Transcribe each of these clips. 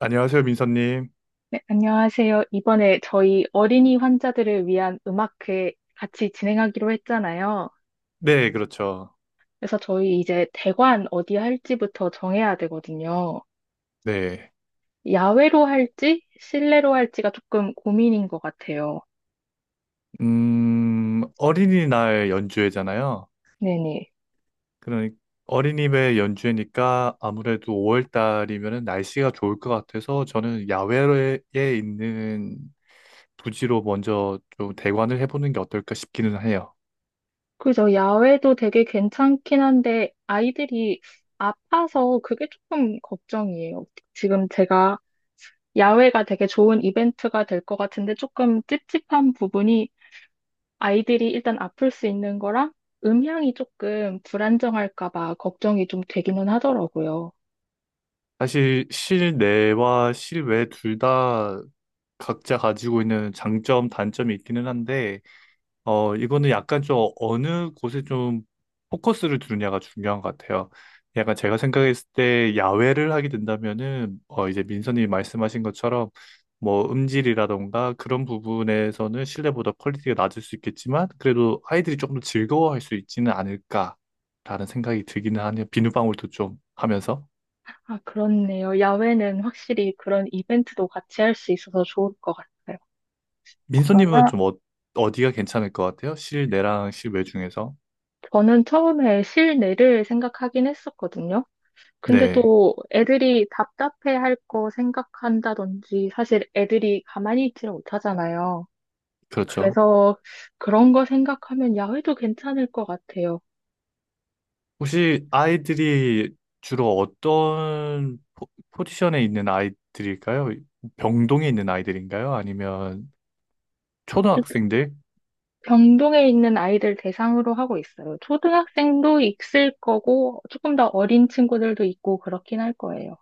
안녕하세요, 민서님. 네, 안녕하세요. 이번에 저희 어린이 환자들을 위한 음악회 같이 진행하기로 했잖아요. 네, 그렇죠. 그래서 저희 이제 대관 어디 할지부터 정해야 되거든요. 네. 야외로 할지, 실내로 할지가 조금 고민인 것 같아요. 어린이날 연주회잖아요. 네네. 그러니 어린이날 연주회니까 아무래도 5월 달이면 날씨가 좋을 것 같아서 저는 야외에 있는 부지로 먼저 좀 대관을 해보는 게 어떨까 싶기는 해요. 그래서 야외도 되게 괜찮긴 한데 아이들이 아파서 그게 조금 걱정이에요. 지금 제가 야외가 되게 좋은 이벤트가 될 것 같은데 조금 찝찝한 부분이 아이들이 일단 아플 수 있는 거랑 음향이 조금 불안정할까 봐 걱정이 좀 되기는 하더라고요. 사실 실내와 실외 둘 다 각자 가지고 있는 장점, 단점이 있기는 한데 이거는 약간 좀 어느 곳에 좀 포커스를 두느냐가 중요한 것 같아요. 약간 제가 생각했을 때 야외를 하게 된다면은, 이제 민선님이 말씀하신 것처럼 뭐 음질이라던가 그런 부분에서는 실내보다 퀄리티가 낮을 수 있겠지만, 그래도 아이들이 조금 더 즐거워할 수 있지는 않을까라는 생각이 들기는 하네요. 비누방울도 좀 하면서. 아, 그렇네요. 야외는 확실히 그런 이벤트도 같이 할 수 있어서 좋을 것 같아요. 민선님은 그러면 좀 어디가 괜찮을 것 같아요? 실내랑 실외 중에서. 저는 처음에 실내를 생각하긴 했었거든요. 근데 네, 또 애들이 답답해 할 거 생각한다든지 사실 애들이 가만히 있지를 못하잖아요. 그렇죠. 그래서 그런 거 생각하면 야외도 괜찮을 것 같아요. 혹시 아이들이 주로 어떤 포지션에 있는 아이들일까요? 병동에 있는 아이들인가요? 아니면 초등학생들? 병동에 있는 아이들 대상으로 하고 있어요. 초등학생도 있을 거고, 조금 더 어린 친구들도 있고, 그렇긴 할 거예요.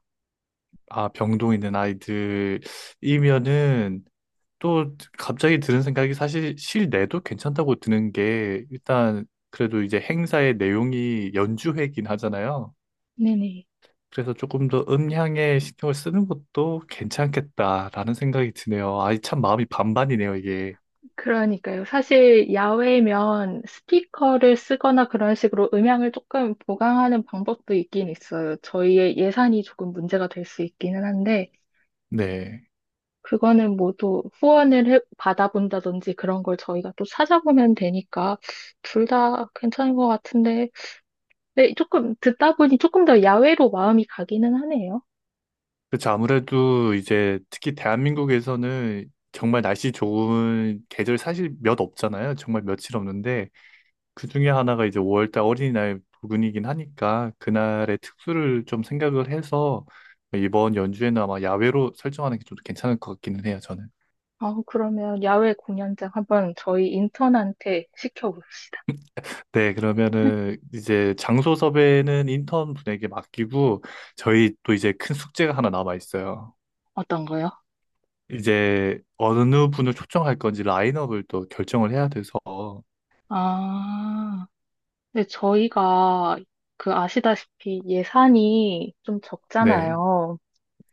아, 병동에 있는 아이들이면은 또 갑자기 드는 생각이 사실 실내도 괜찮다고 드는 게 일단 그래도 이제 행사의 내용이 연주회긴 하잖아요. 네네. 그래서 조금 더 음향에 신경을 쓰는 것도 괜찮겠다라는 생각이 드네요. 아이 참 마음이 반반이네요, 이게. 그러니까요. 사실 야외면 스피커를 쓰거나 그런 식으로 음향을 조금 보강하는 방법도 있긴 있어요. 저희의 예산이 조금 문제가 될 수 있기는 한데, 네. 그거는 모두 후원을 받아본다든지 그런 걸 저희가 또 찾아보면 되니까, 둘 다 괜찮은 것 같은데, 네, 조금 듣다 보니 조금 더 야외로 마음이 가기는 하네요. 그렇죠. 아무래도 이제 특히 대한민국에서는 정말 날씨 좋은 계절 사실 몇 없잖아요. 정말 며칠 없는데 그 중에 하나가 이제 5월달 어린이날 부근이긴 하니까 그날의 특수를 좀 생각을 해서 이번 연주에는 아마 야외로 설정하는 게 좀 괜찮을 것 같기는 해요. 저는. 아, 그러면 야외 공연장 한번 저희 인턴한테 시켜봅시다. 네, 그러면은 이제 장소 섭외는 인턴 분에게 맡기고 저희 또 이제 큰 숙제가 하나 남아 있어요. 어떤 거요? 이제 어느 분을 초청할 건지 라인업을 또 결정을 해야 돼서 아, 근데 저희가 그 아시다시피 예산이 좀 네, 적잖아요.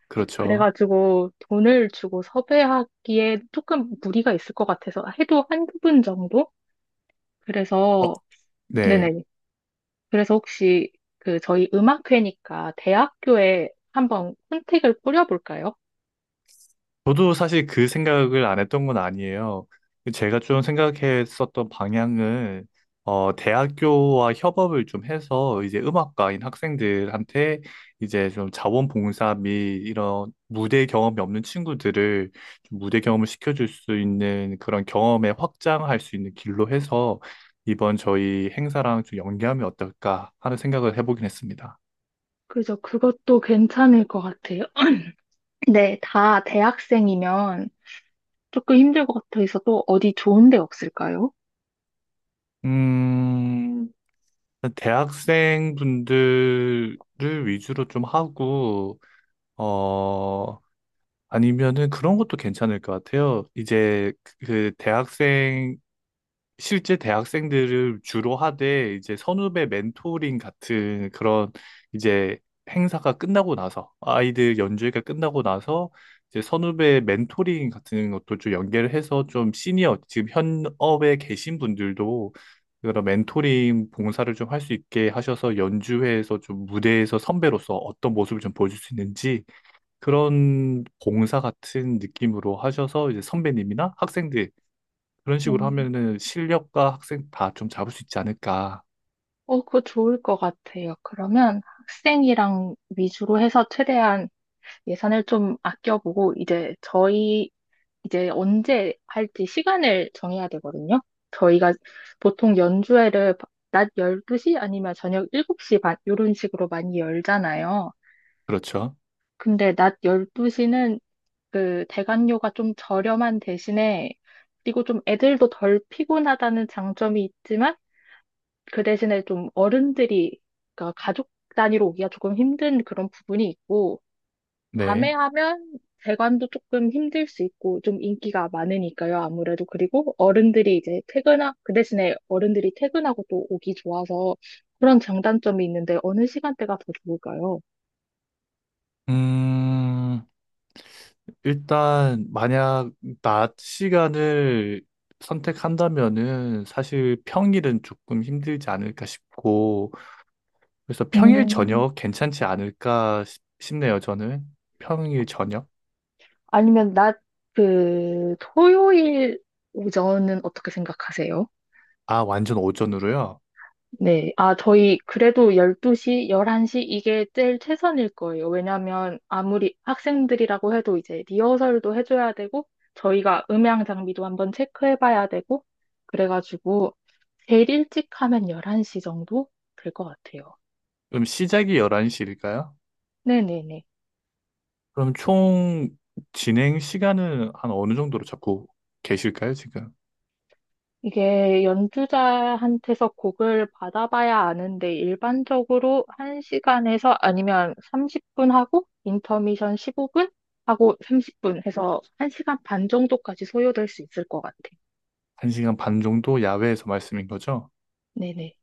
그렇죠. 그래가지고 돈을 주고 섭외하기에 조금 무리가 있을 것 같아서 해도 한 두 분 정도? 어, 그래서, 네. 네네. 그래서 혹시 그 저희 음악회니까 대학교에 한번 혼택을 뿌려볼까요? 저도 사실 그 생각을 안 했던 건 아니에요. 제가 좀 생각했었던 방향은, 대학교와 협업을 좀 해서 이제 음악과인 학생들한테 이제 좀 자원봉사 및 이런 무대 경험이 없는 친구들을 좀 무대 경험을 시켜줄 수 있는 그런 경험에 확장할 수 있는 길로 해서 이번 저희 행사랑 좀 연계하면 어떨까 하는 생각을 해보긴 했습니다. 그죠. 그것도 괜찮을 것 같아요. 네, 다 대학생이면 조금 힘들 것 같아서 또 어디 좋은 데 없을까요? 음, 대학생 분들을 위주로 좀 하고, 어, 아니면은 그런 것도 괜찮을 것 같아요. 그 실제 대학생들을 주로 하되 이제 선후배 멘토링 같은 그런 이제 행사가 끝나고 나서 아이들 연주회가 끝나고 나서 이제 선후배 멘토링 같은 것도 좀 연계를 해서 좀 시니어 지금 현업에 계신 분들도 그런 멘토링 봉사를 좀 할 수 있게 하셔서 연주회에서 좀 무대에서 선배로서 어떤 모습을 좀 보여줄 수 있는지 그런 봉사 같은 느낌으로 하셔서 이제 선배님이나 학생들 그런 식으로 음. 하면은 실력과 학생 다 좀 잡을 수 있지 않을까. 그거 좋을 것 같아요. 그러면 학생이랑 위주로 해서 최대한 예산을 좀 아껴보고, 이제 저희, 이제 언제 할지 시간을 정해야 되거든요. 저희가 보통 연주회를 낮 12시 아니면 저녁 7시 반, 이런 식으로 많이 열잖아요. 그렇죠. 근데 낮 12시는 그 대관료가 좀 저렴한 대신에, 그리고 좀 애들도 덜 피곤하다는 장점이 있지만, 그 대신에 좀 어른들이, 그러니까 가족 단위로 오기가 조금 힘든 그런 부분이 있고, 밤에 네. 하면 대관도 조금 힘들 수 있고, 좀 인기가 많으니까요, 아무래도. 그리고 어른들이 이제 그 대신에 어른들이 퇴근하고 또 오기 좋아서 그런 장단점이 있는데, 어느 시간대가 더 좋을까요? 음, 일단, 만약 낮 시간을 선택한다면은 사실 평일은 조금 힘들지 않을까 싶고, 그래서 평일 음, 저녁 괜찮지 않을까 싶네요, 저는. 평일 저녁? 아니면 낮, 그, 토요일 오전은 어떻게 생각하세요? 아, 완전 오전으로요? 네. 아, 저희 그래도 12시, 11시 이게 제일 최선일 거예요. 왜냐면 아무리 학생들이라고 해도 이제 리허설도 해줘야 되고, 저희가 음향 장비도 한번 체크해봐야 되고, 그래가지고 제일 일찍 하면 11시 정도 될 것 같아요. 그럼 시작이 11시일까요? 네네네. 그럼 총 진행 시간은 한 어느 정도로 잡고 계실까요, 지금? 이게 연주자한테서 곡을 받아봐야 아는데 일반적으로 1시간에서 아니면 30분 하고 인터미션 15분 하고 30분 해서 1시간 반 정도까지 소요될 수 있을 것 같아. 한시간반 정도 야외에서 말씀인 거죠? 네네.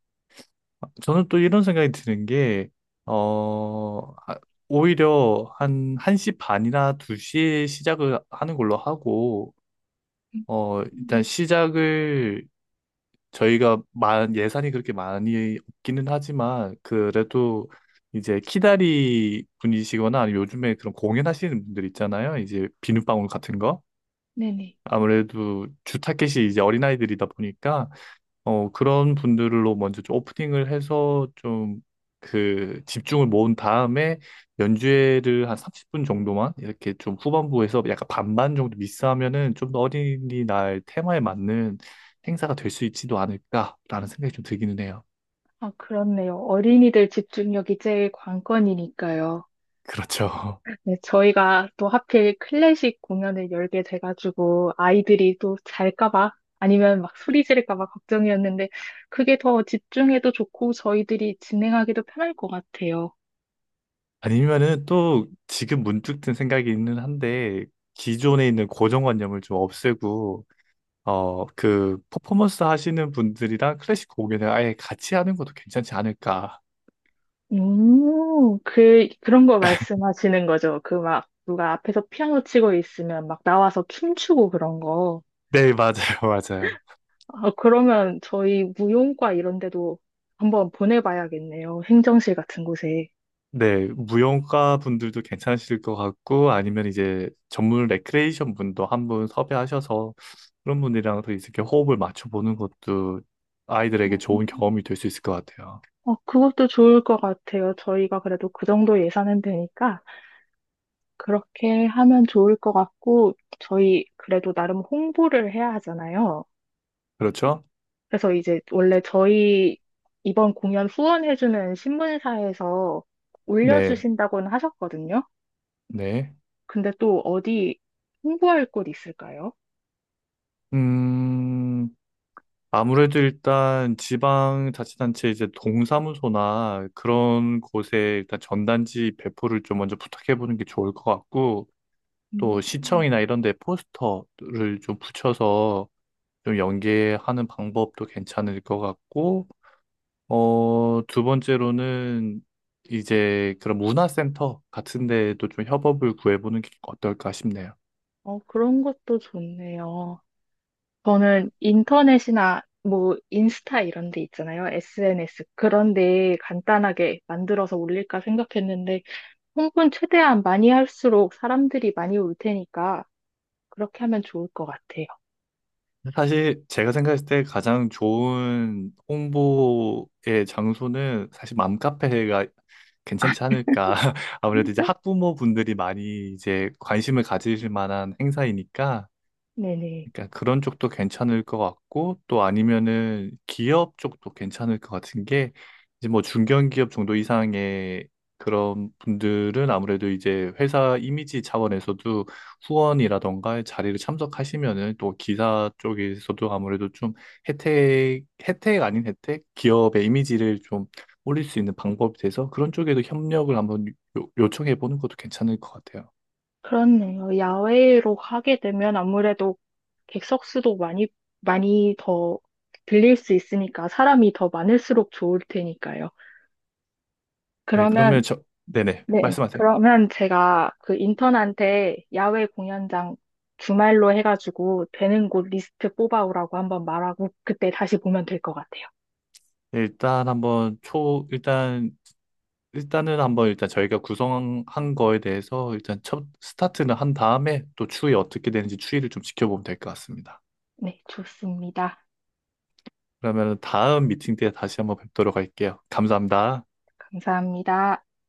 저는 또 이런 생각이 드는 게, 어, 아, 오히려 한 1시 반이나 2시에 시작을 하는 걸로 하고, 일단 음. 시작을 저희가 예산이 그렇게 많이 없기는 하지만, 그래도 이제 키다리 분이시거나 아니면 요즘에 그런 공연하시는 분들 있잖아요. 이제 비눗방울 같은 거. 네네. 아무래도 주 타겟이 이제 어린아이들이다 보니까, 그런 분들로 먼저 좀 오프닝을 해서 좀 그 집중을 모은 다음에 연주회를 한 30분 정도만 이렇게 좀 후반부에서 약간 반반 정도 미스하면은 좀 더 어린이날 테마에 맞는 행사가 될 수 있지도 않을까라는 생각이 좀 들기는 해요. 아, 그렇네요. 어린이들 집중력이 제일 관건이니까요. 그렇죠. 네, 저희가 또 하필 클래식 공연을 열게 돼가지고 아이들이 또 잘까봐 아니면 막 소리 지를까봐 걱정이었는데 그게 더 집중해도 좋고 저희들이 진행하기도 편할 것 같아요. 아니면은 또 지금 문득 든 생각이는 한데 기존에 있는 고정관념을 좀 없애고 퍼포먼스 하시는 분들이랑 클래식 공연을 아예 같이 하는 것도 괜찮지 않을까. 그런 거 말씀하시는 거죠. 그 막 누가 앞에서 피아노 치고 있으면 막 나와서 춤추고 그런 거. 네, 맞아요, 맞아요. 아, 그러면 저희 무용과 이런 데도 한번 보내봐야겠네요. 행정실 같은 곳에. 네, 무용가 분들도 괜찮으실 것 같고, 아니면 이제 전문 레크레이션 분도 한 분 섭외하셔서 그런 분들이랑 더 이렇게 호흡을 맞춰보는 것도 아이들에게 좋은 경험이 될 수 있을 것 같아요. 그것도 좋을 것 같아요. 저희가 그래도 그 정도 예산은 되니까 그렇게 하면 좋을 것 같고, 저희 그래도 나름 홍보를 해야 하잖아요. 그렇죠? 그래서 이제 원래 저희 이번 공연 후원해주는 신문사에서 네, 올려주신다고는 하셨거든요. 네. 근데 또 어디 홍보할 곳 있을까요? 음, 아무래도 일단 지방자치단체 이제 동사무소나 그런 곳에 일단 전단지 배포를 좀 먼저 부탁해보는 게 좋을 것 같고, 또 음, 시청이나 이런 데 포스터를 좀 붙여서 좀 연계하는 방법도 괜찮을 것 같고, 두 번째로는 이제 그런 문화센터 같은 데에도 좀 협업을 구해보는 게 어떨까 싶네요. 그런 것도 좋네요. 저는 인터넷이나 뭐 인스타 이런 데 있잖아요. SNS. 그런 데 간단하게 만들어서 올릴까 생각했는데 홍보는 최대한 많이 할수록 사람들이 많이 올 테니까 그렇게 하면 좋을 것 같아요. 사실 제가 생각했을 때 가장 좋은 홍보의 장소는 사실 맘카페가 괜찮지 않을까. 아무래도 이제 음, 학부모분들이 많이 이제 관심을 가지실 만한 행사이니까 네네. 그러니까 그런 쪽도 괜찮을 것 같고 또 아니면은 기업 쪽도 괜찮을 것 같은 게 이제 뭐 중견기업 정도 이상의 그런 분들은 아무래도 이제 회사 이미지 차원에서도 후원이라던가 자리를 참석하시면은 또 기사 쪽에서도 아무래도 좀 혜택 아닌 혜택? 기업의 이미지를 좀 올릴 수 있는 방법이 돼서 그런 쪽에도 협력을 한번 요청해 보는 것도 괜찮을 것 같아요. 그렇네요. 야외로 하게 되면 아무래도 객석 수도 많이, 많이 더 빌릴 수 있으니까 사람이 더 많을수록 좋을 테니까요. 네, 그러면 그러면 저, 네네, 네, 말씀하세요. 그러면 제가 그 인턴한테 야외 공연장 주말로 해가지고 되는 곳 리스트 뽑아오라고 한번 말하고 그때 다시 보면 될 것 같아요. 일단 한번 초, 일단, 일단은 한번 일단 저희가 구성한 거에 대해서 일단 첫 스타트는 한 다음에 또 추이 어떻게 되는지 추이를 좀 지켜보면 될 것 같습니다. 네, 좋습니다. 그러면 다음 미팅 때 다시 한번 뵙도록 할게요. 감사합니다. 감사합니다.